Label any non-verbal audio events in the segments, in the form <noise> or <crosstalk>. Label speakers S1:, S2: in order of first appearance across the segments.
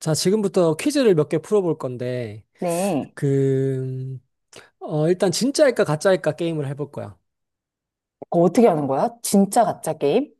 S1: 자, 지금부터 퀴즈를 몇 개 풀어볼 건데,
S2: 네.
S1: 그, 일단 진짜일까 가짜일까 게임을 해볼 거야.
S2: 그거 어떻게 하는 거야? 진짜 가짜 게임?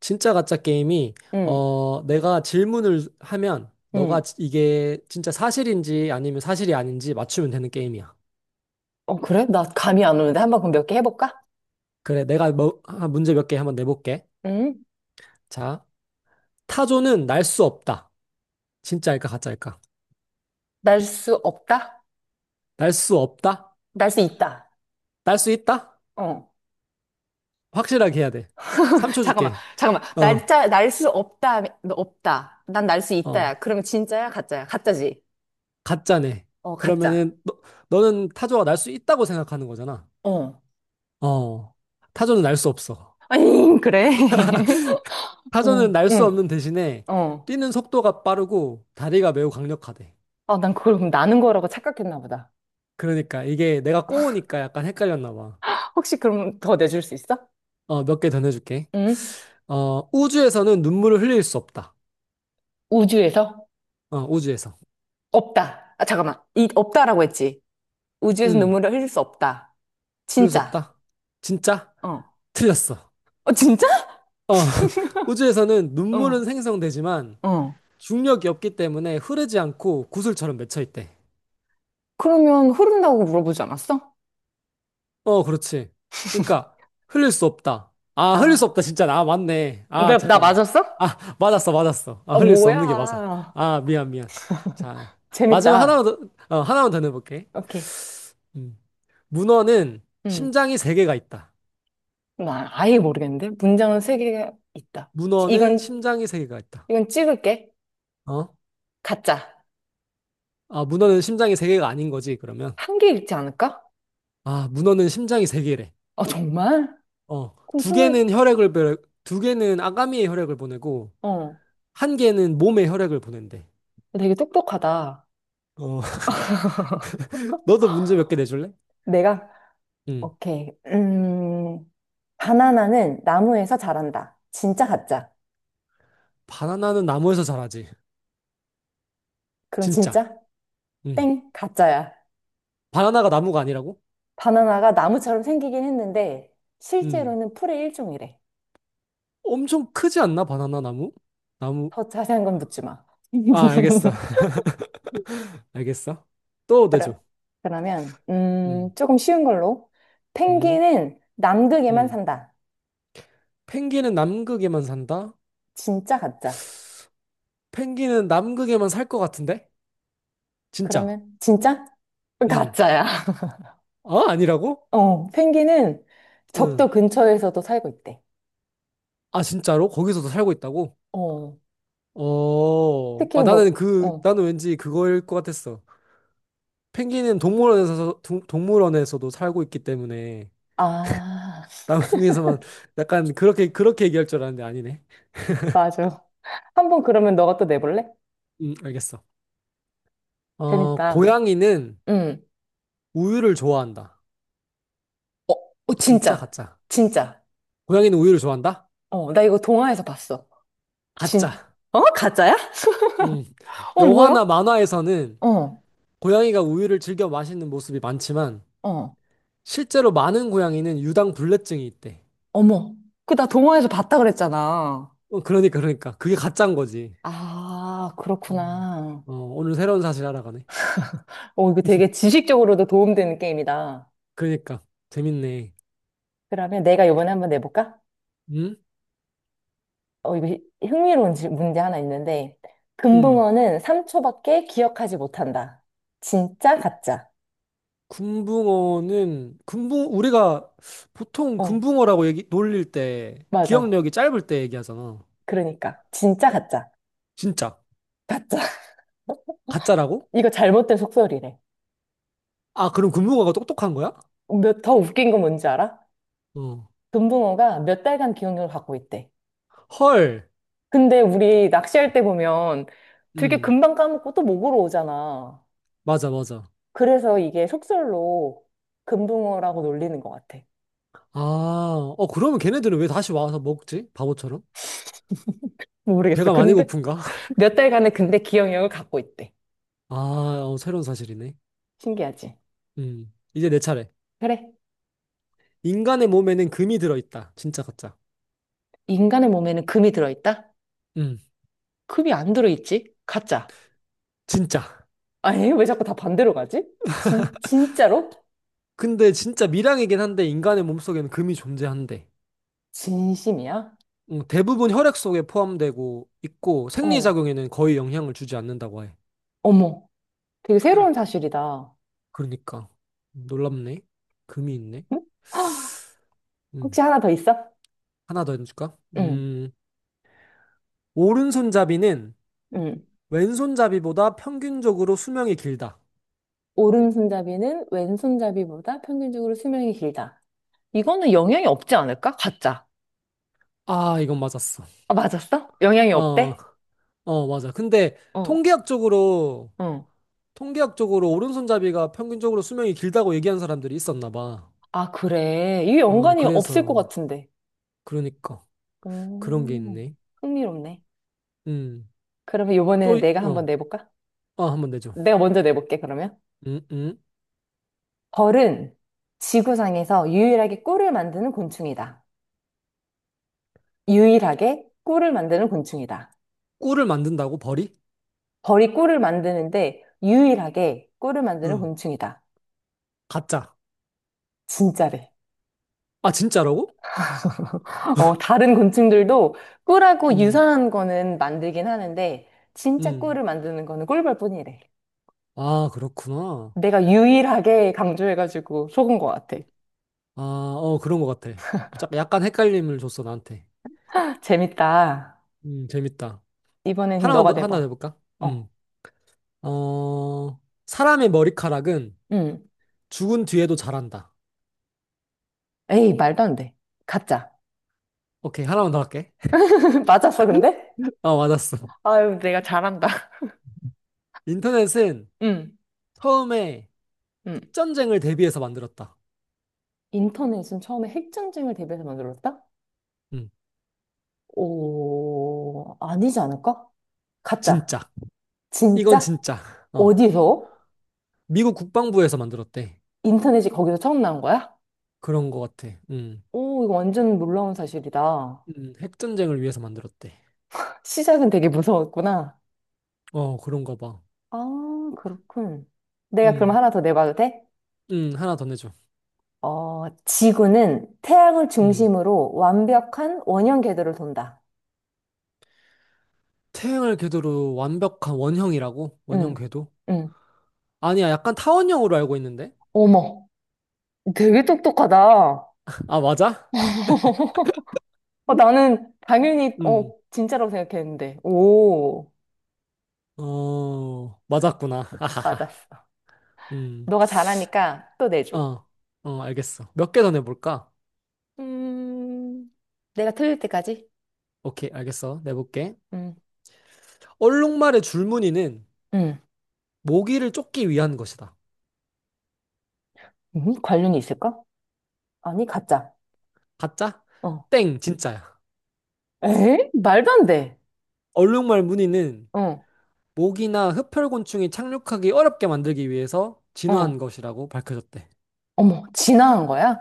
S1: 진짜 가짜 게임이,
S2: 응,
S1: 내가 질문을 하면, 너가
S2: 응.
S1: 이게 진짜 사실인지 아니면 사실이 아닌지 맞추면 되는 게임이야.
S2: 그래? 나 감이 안 오는데 한번 그럼 몇 개 해볼까?
S1: 그래, 내가 뭐, 아, 문제 몇 개 한번 내볼게.
S2: 응?
S1: 자, 타조는 날 수 없다. 진짜일까 가짜일까?
S2: 날 수 없다?
S1: 날 수 없다?
S2: 날 수 있다.
S1: 날 수 있다?
S2: 어.
S1: 확실하게 해야 돼.
S2: <laughs>
S1: 3초
S2: 잠깐만,
S1: 줄게.
S2: 잠깐만.
S1: 어,
S2: 날짜, 날 수 없다, 너 없다. 난 날 수
S1: 어.
S2: 있다야. 그러면 진짜야? 가짜야? 가짜지?
S1: 가짜네.
S2: 어, 가짜.
S1: 그러면은 너, 너는 타조가 날 수 있다고 생각하는 거잖아.
S2: 어.
S1: 어. 타조는 날 수 없어.
S2: 아니, 그래. <laughs>
S1: 타조는
S2: 응,
S1: 날 수
S2: 응,
S1: 없는 대신에
S2: 어.
S1: 뛰는 속도가 빠르고 다리가 매우 강력하대.
S2: 아, 난 그걸 그럼 나는 거라고 착각했나 보다.
S1: 그러니까 이게 내가 꼬우니까 약간 헷갈렸나 봐.
S2: 혹시 그럼 더 내줄 수 있어?
S1: 어, 몇 개 더 내줄게.
S2: 응?
S1: 어, 우주에서는 눈물을 흘릴 수 없다.
S2: 우주에서?
S1: 어, 우주에서.
S2: 없다. 아, 잠깐만. 이, 없다라고 했지. 우주에서
S1: 응.
S2: 눈물을 흘릴 수 없다.
S1: 흘릴 수
S2: 진짜.
S1: 없다. 진짜?
S2: 어.
S1: 틀렸어.
S2: 어, 진짜?
S1: 어, <laughs> 우주에서는
S2: 어.
S1: 눈물은 생성되지만
S2: 어.
S1: 중력이 없기 때문에 흐르지 않고 구슬처럼 맺혀 있대.
S2: 그러면 흐른다고 물어보지 않았어?
S1: 어, 그렇지. 그러니까 흘릴 수 없다. 아, 흘릴 수
S2: 아,
S1: 없다. 진짜. 아, 맞네. 아,
S2: 나
S1: 잠깐만.
S2: 맞았어?
S1: 아, 맞았어, 맞았어. 아,
S2: 아,
S1: 흘릴 수 없는 게 맞아.
S2: 뭐야.
S1: 아, 미안, 미안.
S2: <laughs>
S1: 자, 마지막 하나만
S2: 재밌다.
S1: 더, 하나만 더 내볼게.
S2: 오케이.
S1: 음. 문어는
S2: 음.
S1: 심장이 세 개가 있다.
S2: 나 아예 모르겠는데? 문장은 세 개가 있다.
S1: 문어는
S2: 이건,
S1: 심장이 세 개가 있다.
S2: 이건 찍을게.
S1: 어?
S2: 가짜.
S1: 아, 문어는 심장이 세 개가 아닌 거지, 그러면.
S2: 한 개 읽지 않을까?
S1: 아, 문어는 심장이 세 개래.
S2: 아, 정말?
S1: 어,
S2: 그럼 스물,
S1: 두 개는 아가미의 혈액을 보내고,
S2: 어.
S1: 한 개는 몸의 혈액을 보낸대.
S2: 되게 똑똑하다.
S1: 어, 너도 문제 몇 개 내줄래?
S2: 내가,
S1: 응.
S2: 오케이. 음. 바나나는 나무에서 자란다. 진짜 가짜?
S1: 바나나는 나무에서 자라지.
S2: 그럼
S1: 진짜.
S2: 진짜?
S1: 응.
S2: 땡, 가짜야.
S1: 바나나가 나무가 아니라고?
S2: 바나나가 나무처럼 생기긴 했는데
S1: 응.
S2: 실제로는 풀의 일종이래.
S1: 엄청 크지 않나? 바나나 나무? 나무.
S2: 더 자세한 건 묻지 마.
S1: 아, 알겠어. <laughs>
S2: <laughs>
S1: 알겠어. 또
S2: 그럼
S1: 내줘.
S2: 그러면
S1: 응.
S2: 조금 쉬운 걸로.
S1: 응.
S2: 펭귄은 남극에만
S1: 응.
S2: 산다.
S1: 펭귄은 남극에만 산다?
S2: 진짜 가짜?
S1: 펭귄은 남극에만 살 것 같은데? 진짜.
S2: 그러면 진짜?
S1: 응.
S2: 가짜야.
S1: 아, 아니라고?
S2: <laughs> 어, 펭귄은
S1: 응.
S2: 적도 근처에서도 살고 있대.
S1: 아, 진짜로? 거기서도 살고 있다고?
S2: 어,
S1: 어.
S2: 특히
S1: 아,
S2: 뭐,
S1: 나는 그,
S2: 어,
S1: 나는 왠지 그거일 것 같았어. 펭귄은 물원에서도 살고 있기 때문에
S2: 아.
S1: 남극에서만 <laughs> 약간 그렇게 얘기할 줄 알았는데 아니네.
S2: 맞아. <laughs> 한 번 그러면 너가 또 내볼래?
S1: 알겠어. 어,
S2: 재밌다.
S1: 고양이는
S2: 응.
S1: 우유를 좋아한다.
S2: 어, 어,
S1: 진짜
S2: 진짜.
S1: 가짜.
S2: 진짜.
S1: 고양이는 우유를 좋아한다?
S2: 어, 나 이거 동화에서 봤어. 진,
S1: 가짜.
S2: 어? 가짜야?
S1: 음.
S2: <laughs> 어,
S1: 영화나
S2: 뭐야?
S1: 만화에서는
S2: 어,
S1: 고양이가 우유를 즐겨 마시는 모습이 많지만
S2: 어.
S1: 실제로 많은 고양이는 유당 불내증이 있대.
S2: 어머. 그 나 동화에서 봤다 그랬잖아.
S1: 어, 그러니까 그게 가짜인 거지.
S2: 아,
S1: 음.
S2: 그렇구나.
S1: 어, 오늘 새로운 사실 알아가네.
S2: 어, 이거 되게 지식적으로도 도움되는 게임이다.
S1: 그러니까 재밌네.
S2: 그러면 내가 이번에 한번 내볼까?
S1: 음?
S2: 어, 이거 흥미로운 문제 하나 있는데.
S1: 음.
S2: 금붕어는 3초밖에 기억하지 못한다. 진짜, 가짜.
S1: 금붕어는 금붕 우리가 보통
S2: 어.
S1: 금붕어라고 얘기 놀릴 때
S2: 맞아.
S1: 기억력이 짧을 때 얘기하잖아.
S2: 그러니까. 진짜 가짜.
S1: 진짜.
S2: 가짜. <laughs>
S1: 가짜라고?
S2: 이거 잘못된 속설이래.
S1: 아, 그럼 금붕어가 똑똑한 거야?
S2: 몇, 더 웃긴 건 뭔지 알아?
S1: 어.
S2: 금붕어가 몇 달간 기억력을 갖고 있대.
S1: 헐.
S2: 근데 우리 낚시할 때 보면 되게
S1: 음.
S2: 금방 까먹고 또 목으로 오잖아.
S1: 맞아, 맞아.
S2: 그래서 이게 속설로 금붕어라고 놀리는 것 같아.
S1: 아, 어, 그러면 걔네들은 왜 다시 와서 먹지? 바보처럼?
S2: 모르겠어.
S1: 배가 많이
S2: 근데
S1: 고픈가? <laughs>
S2: 몇 달간의 근데 기억력을 갖고 있대.
S1: 아, 어, 새로운 사실이네.
S2: 신기하지?
S1: 음. 이제 내 차례.
S2: 그래.
S1: 인간의 몸에는 금이 들어있다. 진짜 가짜.
S2: 인간의 몸에는 금이 들어있다?
S1: 음.
S2: 금이 안 들어있지? 가짜.
S1: 진짜.
S2: 아니, 왜 자꾸 다 반대로 가지? 진짜로?
S1: 근데 진짜 밀양이긴 한데 인간의 몸속에는 금이 존재한대.
S2: 진심이야?
S1: 대부분 혈액 속에 포함되고 있고
S2: 어,
S1: 생리작용에는 거의 영향을 주지 않는다고 해.
S2: 어머, 되게 새로운 사실이다.
S1: 그러니까 놀랍네. 금이 있네.
S2: 응? <gasps> 헉,
S1: 음,
S2: 혹시 하나 더 있어?
S1: 하나 더 해줄까?
S2: 응,
S1: 오른손잡이는
S2: 응.
S1: 왼손잡이보다 평균적으로 수명이 길다.
S2: 오른손잡이는 왼손잡이보다 평균적으로 수명이 길다. 이거는 영향이 없지 않을까? 가짜.
S1: 아, 이건 맞았어.
S2: 아, 맞았어? 영향이
S1: 어,
S2: 없대?
S1: 맞아. 근데
S2: 어,
S1: 통계학적으로
S2: 어.
S1: 통계학적으로 오른손잡이가 평균적으로 수명이 길다고 얘기한 사람들이 있었나 봐.
S2: 아, 그래. 이게
S1: 어,
S2: 연관이 없을 것
S1: 그래서
S2: 같은데.
S1: 그러니까 그런 게
S2: 오,
S1: 있네.
S2: 흥미롭네.
S1: 음,
S2: 그러면
S1: 또
S2: 이번에는 내가 한번 내볼까?
S1: 아, 한번 내줘.
S2: 내가 먼저 내볼게, 그러면.
S1: 음, 음.
S2: 벌은 지구상에서 유일하게 꿀을 만드는 곤충이다. 유일하게 꿀을 만드는 곤충이다.
S1: 꿀을 만든다고 벌이?
S2: 벌이 꿀을 만드는데 유일하게 꿀을 만드는
S1: 응.
S2: 곤충이다.
S1: 가짜.
S2: 진짜래.
S1: 아, 진짜라고?
S2: <laughs> 어, 다른 곤충들도 꿀하고
S1: 음,
S2: 유사한 거는 만들긴 하는데 진짜
S1: 음.
S2: 꿀을 만드는 거는 꿀벌뿐이래.
S1: 아, 그렇구나.
S2: 내가 유일하게 강조해가지고 속은 것 같아.
S1: 아, 어, 그런 것 같아. 자, 약간 헷갈림을 줬어, 나한테.
S2: <laughs> 재밌다.
S1: 재밌다.
S2: 이번엔 그럼
S1: 하나만
S2: 너가
S1: 더, 하나 더
S2: 내봐.
S1: 해볼까?
S2: 어,
S1: 음. 어, 사람의 머리카락은
S2: 응.
S1: 죽은 뒤에도 자란다.
S2: 에이, 말도 안 돼. 가짜.
S1: 오케이, 하나만 더 할게. <laughs>
S2: <laughs> 맞았어, 근데?
S1: 아, 맞았어.
S2: 아유, 내가 잘한다. <laughs>
S1: 인터넷은
S2: 응,
S1: 처음에
S2: 응.
S1: 핵전쟁을 대비해서 만들었다.
S2: 인터넷은 처음에 핵전쟁을 대비해서 만들었다?
S1: 음,
S2: 오, 아니지 않을까? 가짜.
S1: 진짜. 이건
S2: 진짜?
S1: 진짜. 어.
S2: 어디서?
S1: 미국 국방부에서 만들었대.
S2: 인터넷이 거기서 처음 나온 거야?
S1: 그런 것 같아. 음.
S2: 오, 이거 완전 놀라운 사실이다.
S1: 핵전쟁을 위해서 만들었대.
S2: 시작은 되게 무서웠구나.
S1: 어, 그런가 봐.
S2: 아, 그렇군. 내가 그럼
S1: 음,
S2: 하나 더 내봐도 돼?
S1: 하나 더 내줘.
S2: 어, 지구는 태양을
S1: 음.
S2: 중심으로 완벽한 원형 궤도를 돈다.
S1: 태양을 궤도로 완벽한 원형이라고? 원형
S2: 응,
S1: 궤도?
S2: 응.
S1: 아니야, 약간 타원형으로 알고 있는데?
S2: 어머, 되게 똑똑하다.
S1: 아, 맞아?
S2: 어, 나는 당연히, 어,
S1: 음,
S2: 진짜라고 생각했는데. 오,
S1: 어, 맞았구나. <laughs> 하하하.
S2: 맞았어.
S1: 음,
S2: 너가 잘하니까 또 내줘.
S1: 어, 알겠어. 몇 개 더 내볼까?
S2: 음, 내가 틀릴 때까지?
S1: 오케이, 알겠어. 내볼게.
S2: 음,
S1: 얼룩말의 줄무늬는
S2: 음,
S1: 모기를 쫓기 위한 것이다.
S2: 관련이 있을까? 아니, 가짜.
S1: 가짜?
S2: 어.
S1: 땡, 진짜야.
S2: 에? 말도 안 돼.
S1: 얼룩말 무늬는
S2: 어,
S1: 모기나 흡혈곤충이 착륙하기 어렵게 만들기 위해서 진화한
S2: 어.
S1: 것이라고 밝혀졌대.
S2: 어머, 진화한 거야?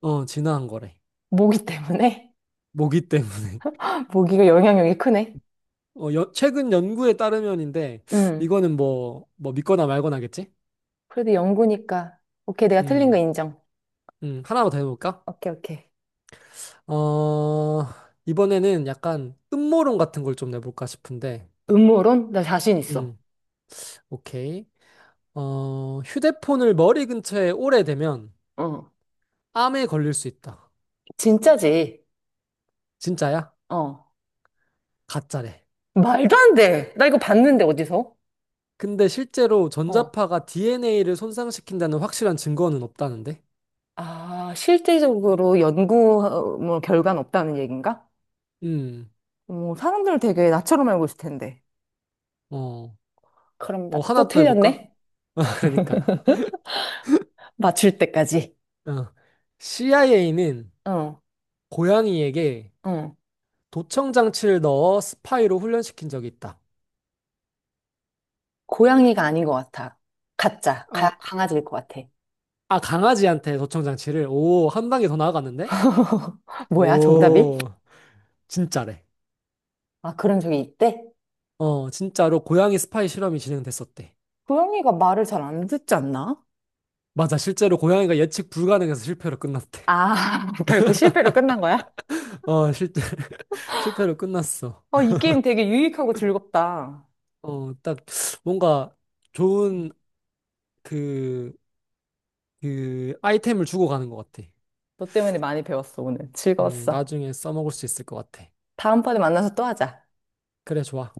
S1: 어, 진화한 거래.
S2: 모기 때문에?
S1: 모기 때문에.
S2: <laughs> 모기가 영향력이 크네.
S1: <laughs> 어, 최근 연구에 따르면인데,
S2: 음,
S1: 이거는 뭐 믿거나 말거나겠지?
S2: 그래도 연구니까. 오케이, 내가 틀린 거
S1: 음,
S2: 인정.
S1: 하나만 더 해볼까?
S2: 오케이, 오케이.
S1: 어, 이번에는 약간 음모론 같은 걸 좀 내볼까 싶은데,
S2: 음모론? 나 자신 있어.
S1: 음, 오케이. 어, 휴대폰을 머리 근처에 오래 대면
S2: 어.
S1: 암에 걸릴 수 있다.
S2: 진짜지.
S1: 진짜야?
S2: 어.
S1: 가짜래.
S2: 말도 안 돼. 나 이거 봤는데, 어디서?
S1: 근데 실제로
S2: 어.
S1: 전자파가 DNA를 손상시킨다는 확실한 증거는 없다는데?
S2: 아, 실질적으로 연구 어, 뭐 결과는 없다는 얘긴가?
S1: 음,
S2: 뭐 사람들을 되게 나처럼 알고 있을 텐데.
S1: 어,
S2: 그럼 나 또
S1: 하나 더 해볼까?
S2: 틀렸네?
S1: <laughs> 어, 그러니까.
S2: 맞출 때까지.
S1: 어. CIA는
S2: 어,
S1: 고양이에게
S2: 어.
S1: 도청 장치를 넣어 스파이로 훈련시킨 적이 있다.
S2: 고양이가 아닌 것 같아. 가짜.
S1: 아,
S2: 가, 강아지일 것 같아.
S1: 아, 강아지한테 도청 장치를. 오, 한 단계 더 나아갔는데?
S2: <laughs> 뭐야, 정답이?
S1: 오, 진짜래.
S2: 아, 그런 적이 있대?
S1: 어, 진짜로 고양이 스파이 실험이 진행됐었대.
S2: 고양이가 말을 잘 안 듣지 않나?
S1: 맞아, 실제로 고양이가 예측 불가능해서 실패로 끝났대.
S2: 아, <laughs> 결국 실패로 끝난 거야?
S1: <laughs> 어, <laughs> 실패로 끝났어.
S2: 어, 이 게임 되게 유익하고 즐겁다.
S1: 어, 딱 뭔가 좋은 그, 그 아이템을 주고 가는 것 같아.
S2: 너 때문에 많이 배웠어, 오늘. 즐거웠어.
S1: 나중에 써먹을 수 있을 것 같아.
S2: 다음번에 만나서 또 하자.
S1: 그래, 좋아.